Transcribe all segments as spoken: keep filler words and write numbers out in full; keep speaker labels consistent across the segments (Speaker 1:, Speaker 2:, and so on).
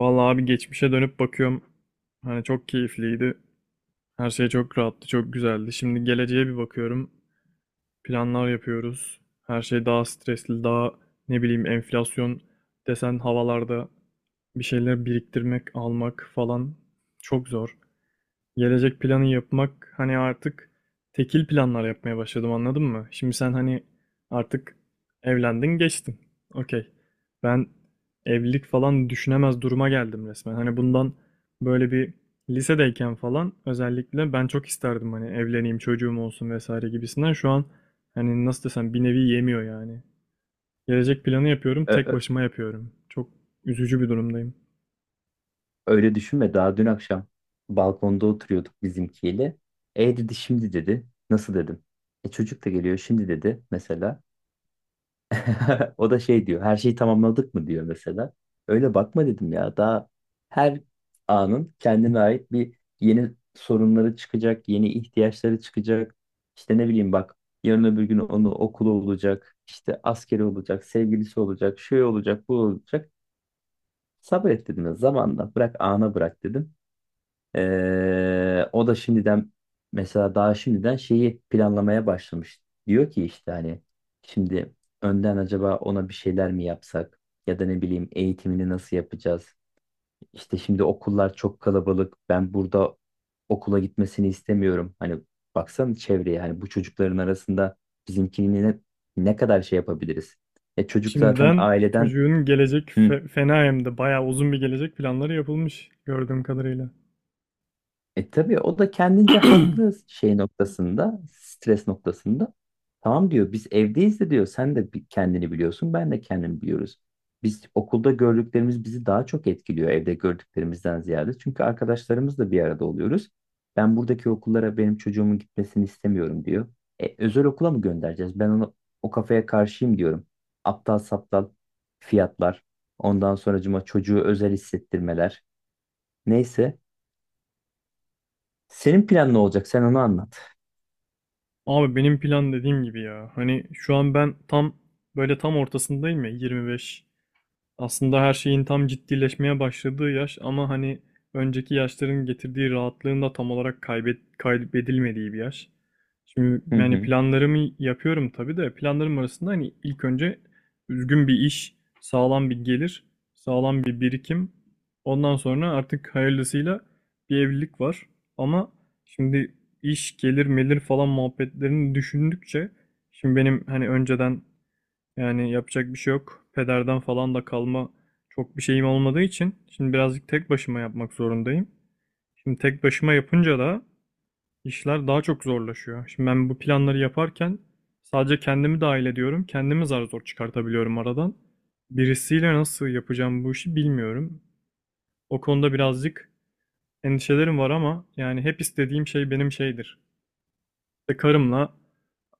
Speaker 1: Vallahi abi geçmişe dönüp bakıyorum. Hani çok keyifliydi. Her şey çok rahattı, çok güzeldi. Şimdi geleceğe bir bakıyorum. Planlar yapıyoruz. Her şey daha stresli, daha ne bileyim enflasyon desen havalarda bir şeyler biriktirmek, almak falan çok zor. Gelecek planı yapmak hani artık tekil planlar yapmaya başladım, anladın mı? Şimdi sen hani artık evlendin geçtin. Okey. Ben evlilik falan düşünemez duruma geldim resmen. Hani bundan böyle bir lisedeyken falan özellikle ben çok isterdim hani evleneyim, çocuğum olsun vesaire gibisinden. Şu an hani nasıl desem bir nevi yemiyor yani. Gelecek planı yapıyorum,
Speaker 2: Ö-
Speaker 1: tek
Speaker 2: ö-
Speaker 1: başıma yapıyorum. Çok üzücü bir durumdayım.
Speaker 2: öyle düşünme. Daha dün akşam balkonda oturuyorduk bizimkiyle. E dedi şimdi dedi. Nasıl dedim. E çocuk da geliyor şimdi dedi mesela. O da şey diyor. Her şeyi tamamladık mı diyor mesela. Öyle bakma dedim ya. Daha her anın kendine ait bir yeni sorunları çıkacak, yeni ihtiyaçları çıkacak. İşte ne bileyim bak yarın öbür gün onu okulu olacak, işte askeri olacak, sevgilisi olacak, şey olacak, bu olacak. Sabret dedim ya zamanla bırak ana bırak dedim. Ee, o da şimdiden mesela daha şimdiden şeyi planlamaya başlamış. Diyor ki işte hani şimdi önden acaba ona bir şeyler mi yapsak, ya da ne bileyim eğitimini nasıl yapacağız? İşte şimdi okullar çok kalabalık. Ben burada okula gitmesini istemiyorum. Hani baksana çevreye, hani bu çocukların arasında bizimkini ne, ne kadar şey yapabiliriz? E çocuk zaten
Speaker 1: Şimdiden
Speaker 2: aileden.
Speaker 1: çocuğun gelecek
Speaker 2: Hı.
Speaker 1: fe- fena hem de bayağı uzun bir gelecek planları yapılmış gördüğüm kadarıyla.
Speaker 2: E tabii o da kendince haklı şey noktasında, stres noktasında. Tamam diyor, biz evdeyiz de diyor, sen de bi- kendini biliyorsun, ben de kendimi biliyoruz. Biz okulda gördüklerimiz bizi daha çok etkiliyor evde gördüklerimizden ziyade. Çünkü arkadaşlarımızla bir arada oluyoruz. Ben buradaki okullara benim çocuğumun gitmesini istemiyorum diyor. E, özel okula mı göndereceğiz? Ben onu o kafaya karşıyım diyorum. Aptal saptal fiyatlar. Ondan sonracıma çocuğu özel hissettirmeler. Neyse. Senin plan ne olacak? Sen onu anlat.
Speaker 1: Abi benim plan dediğim gibi ya. Hani şu an ben tam böyle tam ortasındayım ya, yirmi beş. Aslında her şeyin tam ciddileşmeye başladığı yaş ama hani önceki yaşların getirdiği rahatlığın da tam olarak kaybet, kaybedilmediği bir yaş. Şimdi
Speaker 2: Hı
Speaker 1: yani
Speaker 2: hı.
Speaker 1: planlarımı yapıyorum tabii de planlarım arasında hani ilk önce düzgün bir iş, sağlam bir gelir, sağlam bir birikim. Ondan sonra artık hayırlısıyla bir evlilik var. Ama şimdi iş, gelir, melir falan muhabbetlerini düşündükçe şimdi benim hani önceden yani yapacak bir şey yok. Pederden falan da kalma çok bir şeyim olmadığı için şimdi birazcık tek başıma yapmak zorundayım. Şimdi tek başıma yapınca da işler daha çok zorlaşıyor. Şimdi ben bu planları yaparken sadece kendimi dahil ediyorum. Kendimi zar zor çıkartabiliyorum aradan. Birisiyle nasıl yapacağım bu işi bilmiyorum. O konuda birazcık endişelerim var ama yani hep istediğim şey benim şeydir. İşte karımla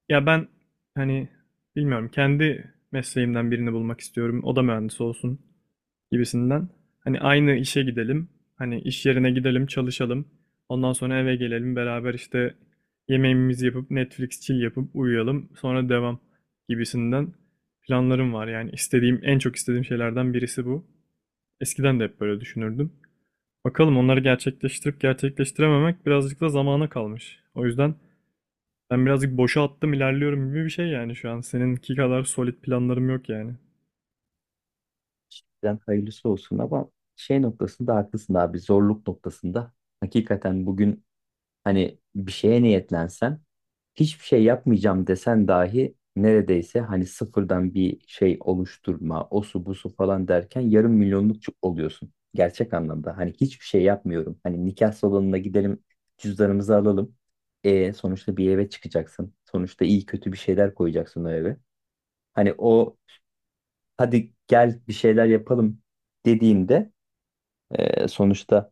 Speaker 1: ya ben hani bilmiyorum, kendi mesleğimden birini bulmak istiyorum. O da mühendis olsun gibisinden. Hani aynı işe gidelim, hani iş yerine gidelim, çalışalım. Ondan sonra eve gelelim, beraber işte yemeğimizi yapıp Netflix chill yapıp uyuyalım. Sonra devam gibisinden planlarım var. Yani istediğim, en çok istediğim şeylerden birisi bu. Eskiden de hep böyle düşünürdüm. Bakalım, onları gerçekleştirip gerçekleştirememek birazcık da zamana kalmış. O yüzden ben birazcık boşa attım ilerliyorum gibi bir şey yani şu an. Seninki kadar solid planlarım yok yani.
Speaker 2: Şimdiden hayırlısı olsun, ama şey noktasında haklısın abi, zorluk noktasında hakikaten bugün hani bir şeye niyetlensen, hiçbir şey yapmayacağım desen dahi, neredeyse hani sıfırdan bir şey oluşturma, o su bu su falan derken yarım milyonluk çu- oluyorsun. Gerçek anlamda hani hiçbir şey yapmıyorum. Hani nikah salonuna gidelim, cüzdanımızı alalım. E, sonuçta bir eve çıkacaksın. Sonuçta iyi kötü bir şeyler koyacaksın o eve. Hani o hadi gel bir şeyler yapalım dediğimde, e, sonuçta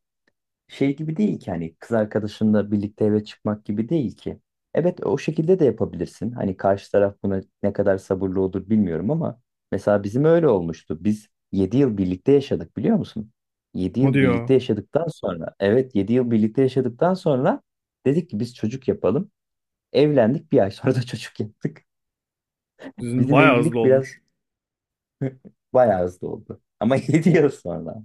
Speaker 2: şey gibi değil ki, hani kız arkadaşınla birlikte eve çıkmak gibi değil ki. Evet, o şekilde de yapabilirsin. Hani karşı taraf buna ne kadar sabırlı olur bilmiyorum, ama mesela bizim öyle olmuştu. Biz yedi yıl birlikte yaşadık biliyor musun? Yedi
Speaker 1: O
Speaker 2: yıl
Speaker 1: diyor.
Speaker 2: birlikte yaşadıktan sonra, evet yedi yıl birlikte yaşadıktan sonra dedik ki biz çocuk yapalım. Evlendik, bir ay sonra da çocuk yaptık.
Speaker 1: Sizin
Speaker 2: Bizim
Speaker 1: bayağı hızlı
Speaker 2: evlilik biraz
Speaker 1: olmuş.
Speaker 2: bayağı hızlı oldu. Ama yedi
Speaker 1: O
Speaker 2: yıl sonra.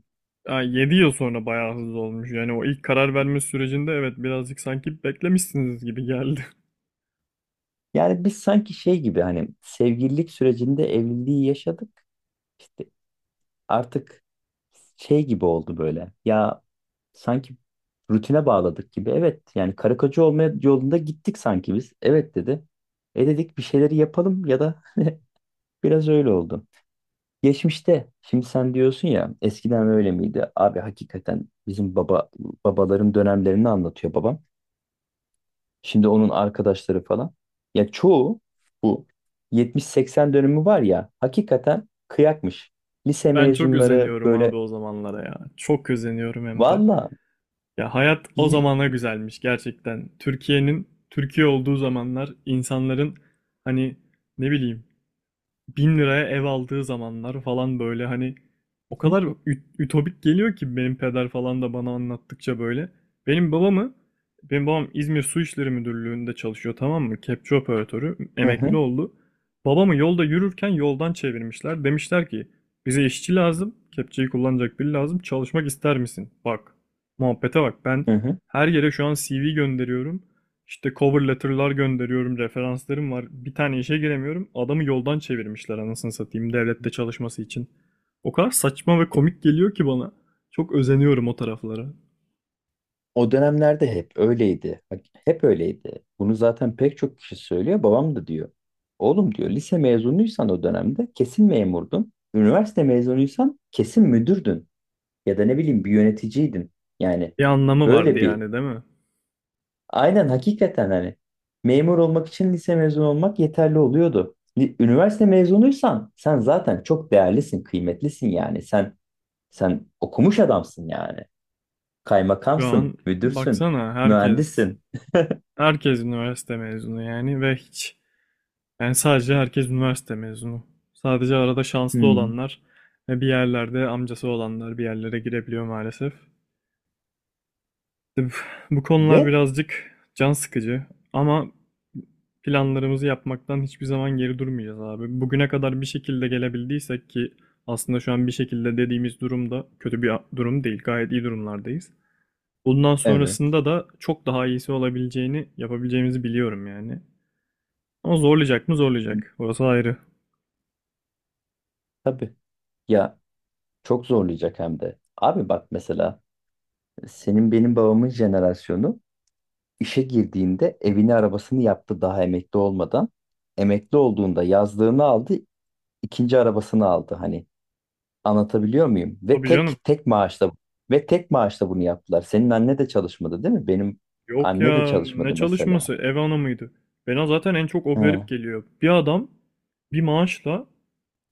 Speaker 1: yani 7 yıl sonra bayağı hızlı olmuş. Yani o ilk karar verme sürecinde evet birazcık sanki beklemişsiniz gibi geldi.
Speaker 2: Yani biz sanki şey gibi, hani sevgililik sürecinde evliliği yaşadık. İşte artık şey gibi oldu böyle. Ya sanki rutine bağladık gibi. Evet yani karı koca olma yolunda gittik sanki biz. Evet dedi. E dedik bir şeyleri yapalım, ya da biraz öyle oldu. Geçmişte şimdi sen diyorsun ya, eskiden öyle miydi? Abi hakikaten bizim baba babaların dönemlerini anlatıyor babam. Şimdi onun arkadaşları falan. Ya çoğu bu yetmiş seksen dönümü var ya, hakikaten kıyakmış. Lise
Speaker 1: Ben çok
Speaker 2: mezunları
Speaker 1: özeniyorum
Speaker 2: böyle
Speaker 1: abi o zamanlara ya. Çok özeniyorum hem de.
Speaker 2: valla
Speaker 1: Ya hayat o
Speaker 2: li-
Speaker 1: zamana güzelmiş gerçekten. Türkiye'nin Türkiye olduğu zamanlar, insanların hani ne bileyim bin liraya ev aldığı zamanlar falan böyle hani o kadar ü- ütopik geliyor ki, benim peder falan da bana anlattıkça böyle. Benim babamı, benim babam İzmir Su İşleri Müdürlüğü'nde çalışıyor, tamam mı? Kepçe operatörü,
Speaker 2: Hı
Speaker 1: emekli
Speaker 2: hı,
Speaker 1: oldu. Babamı yolda yürürken yoldan çevirmişler. Demişler ki bize işçi lazım, kepçeyi kullanacak biri lazım, çalışmak ister misin? Bak, muhabbete bak, ben
Speaker 2: hı hı.
Speaker 1: her yere şu an C V gönderiyorum. İşte cover letter'lar gönderiyorum, referanslarım var. Bir tane işe giremiyorum. Adamı yoldan çevirmişler anasını satayım devlette çalışması için. O kadar saçma ve komik geliyor ki bana. Çok özeniyorum o taraflara.
Speaker 2: O dönemlerde hep öyleydi. Bak, hep öyleydi. Bunu zaten pek çok kişi söylüyor. Babam da diyor. Oğlum diyor, lise mezunuysan o dönemde kesin memurdun. Üniversite mezunuysan kesin müdürdün. Ya da ne bileyim bir yöneticiydin. Yani
Speaker 1: Bir anlamı vardı
Speaker 2: böyle bir.
Speaker 1: yani, değil mi?
Speaker 2: Aynen, hakikaten hani memur olmak için lise mezunu olmak yeterli oluyordu. Li- Üniversite mezunuysan sen zaten çok değerlisin, kıymetlisin yani. Sen sen okumuş adamsın yani.
Speaker 1: Şu an
Speaker 2: Kaymakamsın, müdürsün,
Speaker 1: baksana herkes,
Speaker 2: mühendissin.
Speaker 1: herkes üniversite mezunu yani ve hiç, yani sadece herkes üniversite mezunu. Sadece arada şanslı
Speaker 2: Hmm.
Speaker 1: olanlar ve bir yerlerde amcası olanlar bir yerlere girebiliyor maalesef. İşte bu bu konular
Speaker 2: Ve
Speaker 1: birazcık can sıkıcı ama planlarımızı yapmaktan hiçbir zaman geri durmayacağız abi. Bugüne kadar bir şekilde gelebildiysek ki aslında şu an bir şekilde dediğimiz durumda kötü bir durum değil. Gayet iyi durumlardayız. Bundan
Speaker 2: evet.
Speaker 1: sonrasında da çok daha iyisi olabileceğini, yapabileceğimizi biliyorum yani. Ama zorlayacak mı zorlayacak. Orası ayrı.
Speaker 2: Tabii. Ya çok zorlayacak hem de. Abi bak, mesela senin benim babamın jenerasyonu işe girdiğinde evini arabasını yaptı daha emekli olmadan. Emekli olduğunda yazlığını aldı, ikinci arabasını aldı, hani anlatabiliyor muyum? Ve
Speaker 1: Tabii canım.
Speaker 2: tek tek maaşla ve tek maaşla bunu yaptılar. Senin anne de çalışmadı değil mi? Benim
Speaker 1: Yok
Speaker 2: anne de
Speaker 1: ya, ne
Speaker 2: çalışmadı mesela.
Speaker 1: çalışması, ev hanımıydı. Bana zaten en çok o
Speaker 2: He.
Speaker 1: garip
Speaker 2: Hı
Speaker 1: geliyor. Bir adam bir maaşla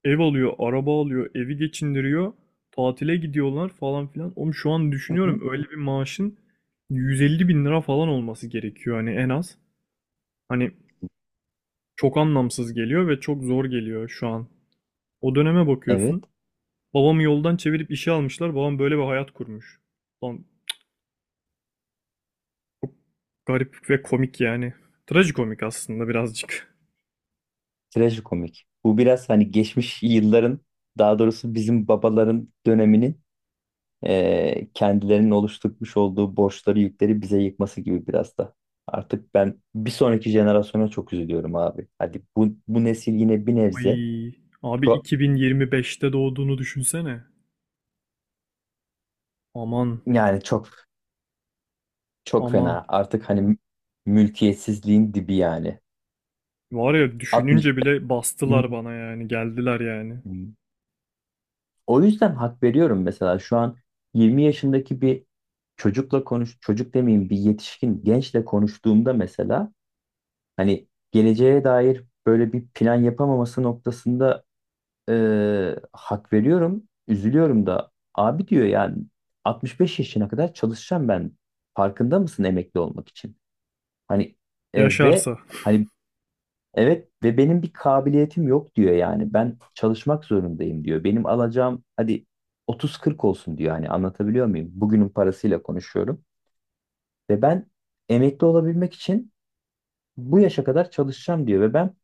Speaker 1: ev alıyor, araba alıyor, evi geçindiriyor. Tatile gidiyorlar falan filan. Oğlum şu an
Speaker 2: hı.
Speaker 1: düşünüyorum öyle bir maaşın yüz elli bin lira falan olması gerekiyor hani en az. Hani çok anlamsız geliyor ve çok zor geliyor şu an. O döneme
Speaker 2: Evet.
Speaker 1: bakıyorsun. Babamı yoldan çevirip işe almışlar. Babam böyle bir hayat kurmuş. Lan çok garip ve komik yani. Trajikomik aslında birazcık.
Speaker 2: Trajikomik. Bu biraz hani geçmiş yılların, daha doğrusu bizim babaların döneminin eee, kendilerinin oluşturmuş olduğu borçları yükleri bize yıkması gibi biraz da. Artık ben bir sonraki jenerasyona çok üzülüyorum abi. Hadi bu, bu nesil yine bir nebze
Speaker 1: Ay, abi
Speaker 2: çok,
Speaker 1: iki bin yirmi beşte doğduğunu düşünsene. Aman,
Speaker 2: yani çok. Çok
Speaker 1: aman.
Speaker 2: fena. Artık hani mülkiyetsizliğin dibi yani.
Speaker 1: Var ya,
Speaker 2: altmış.
Speaker 1: düşününce bile bastılar bana yani, geldiler yani.
Speaker 2: O yüzden hak veriyorum, mesela şu an yirmi yaşındaki bir çocukla konuş, çocuk demeyeyim bir yetişkin gençle konuştuğumda mesela hani geleceğe dair böyle bir plan yapamaması noktasında, e, hak veriyorum. Üzülüyorum da abi diyor yani, altmış beş yaşına kadar çalışacağım ben. Farkında mısın, emekli olmak için? Hani e, ve
Speaker 1: Yaşarsa.
Speaker 2: hani Evet ve benim bir kabiliyetim yok diyor yani. Ben çalışmak zorundayım diyor. Benim alacağım hadi otuz kırk olsun diyor. Hani anlatabiliyor muyum? Bugünün parasıyla konuşuyorum. Ve ben emekli olabilmek için bu yaşa kadar çalışacağım diyor. Ve ben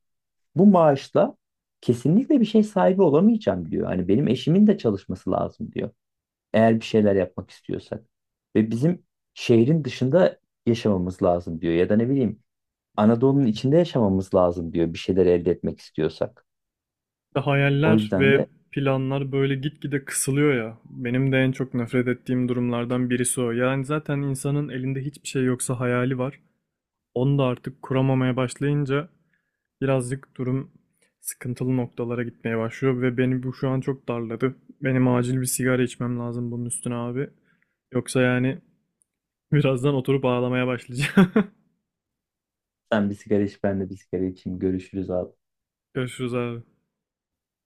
Speaker 2: bu maaşla kesinlikle bir şey sahibi olamayacağım diyor. Hani benim eşimin de çalışması lazım diyor. Eğer bir şeyler yapmak istiyorsak. Ve bizim şehrin dışında yaşamamız lazım diyor. Ya da ne bileyim Anadolu'nun içinde yaşamamız lazım diyor. Bir şeyler elde etmek istiyorsak.
Speaker 1: İşte
Speaker 2: O
Speaker 1: hayaller
Speaker 2: yüzden
Speaker 1: ve
Speaker 2: de
Speaker 1: planlar böyle gitgide kısılıyor ya. Benim de en çok nefret ettiğim durumlardan birisi o. Yani zaten insanın elinde hiçbir şey yoksa hayali var. Onu da artık kuramamaya başlayınca birazcık durum sıkıntılı noktalara gitmeye başlıyor ve beni bu şu an çok darladı. Benim acil bir sigara içmem lazım bunun üstüne abi. Yoksa yani birazdan oturup ağlamaya başlayacağım.
Speaker 2: sen bir sigara iç, ben de bir sigara içeyim, görüşürüz abi.
Speaker 1: Görüşürüz abi.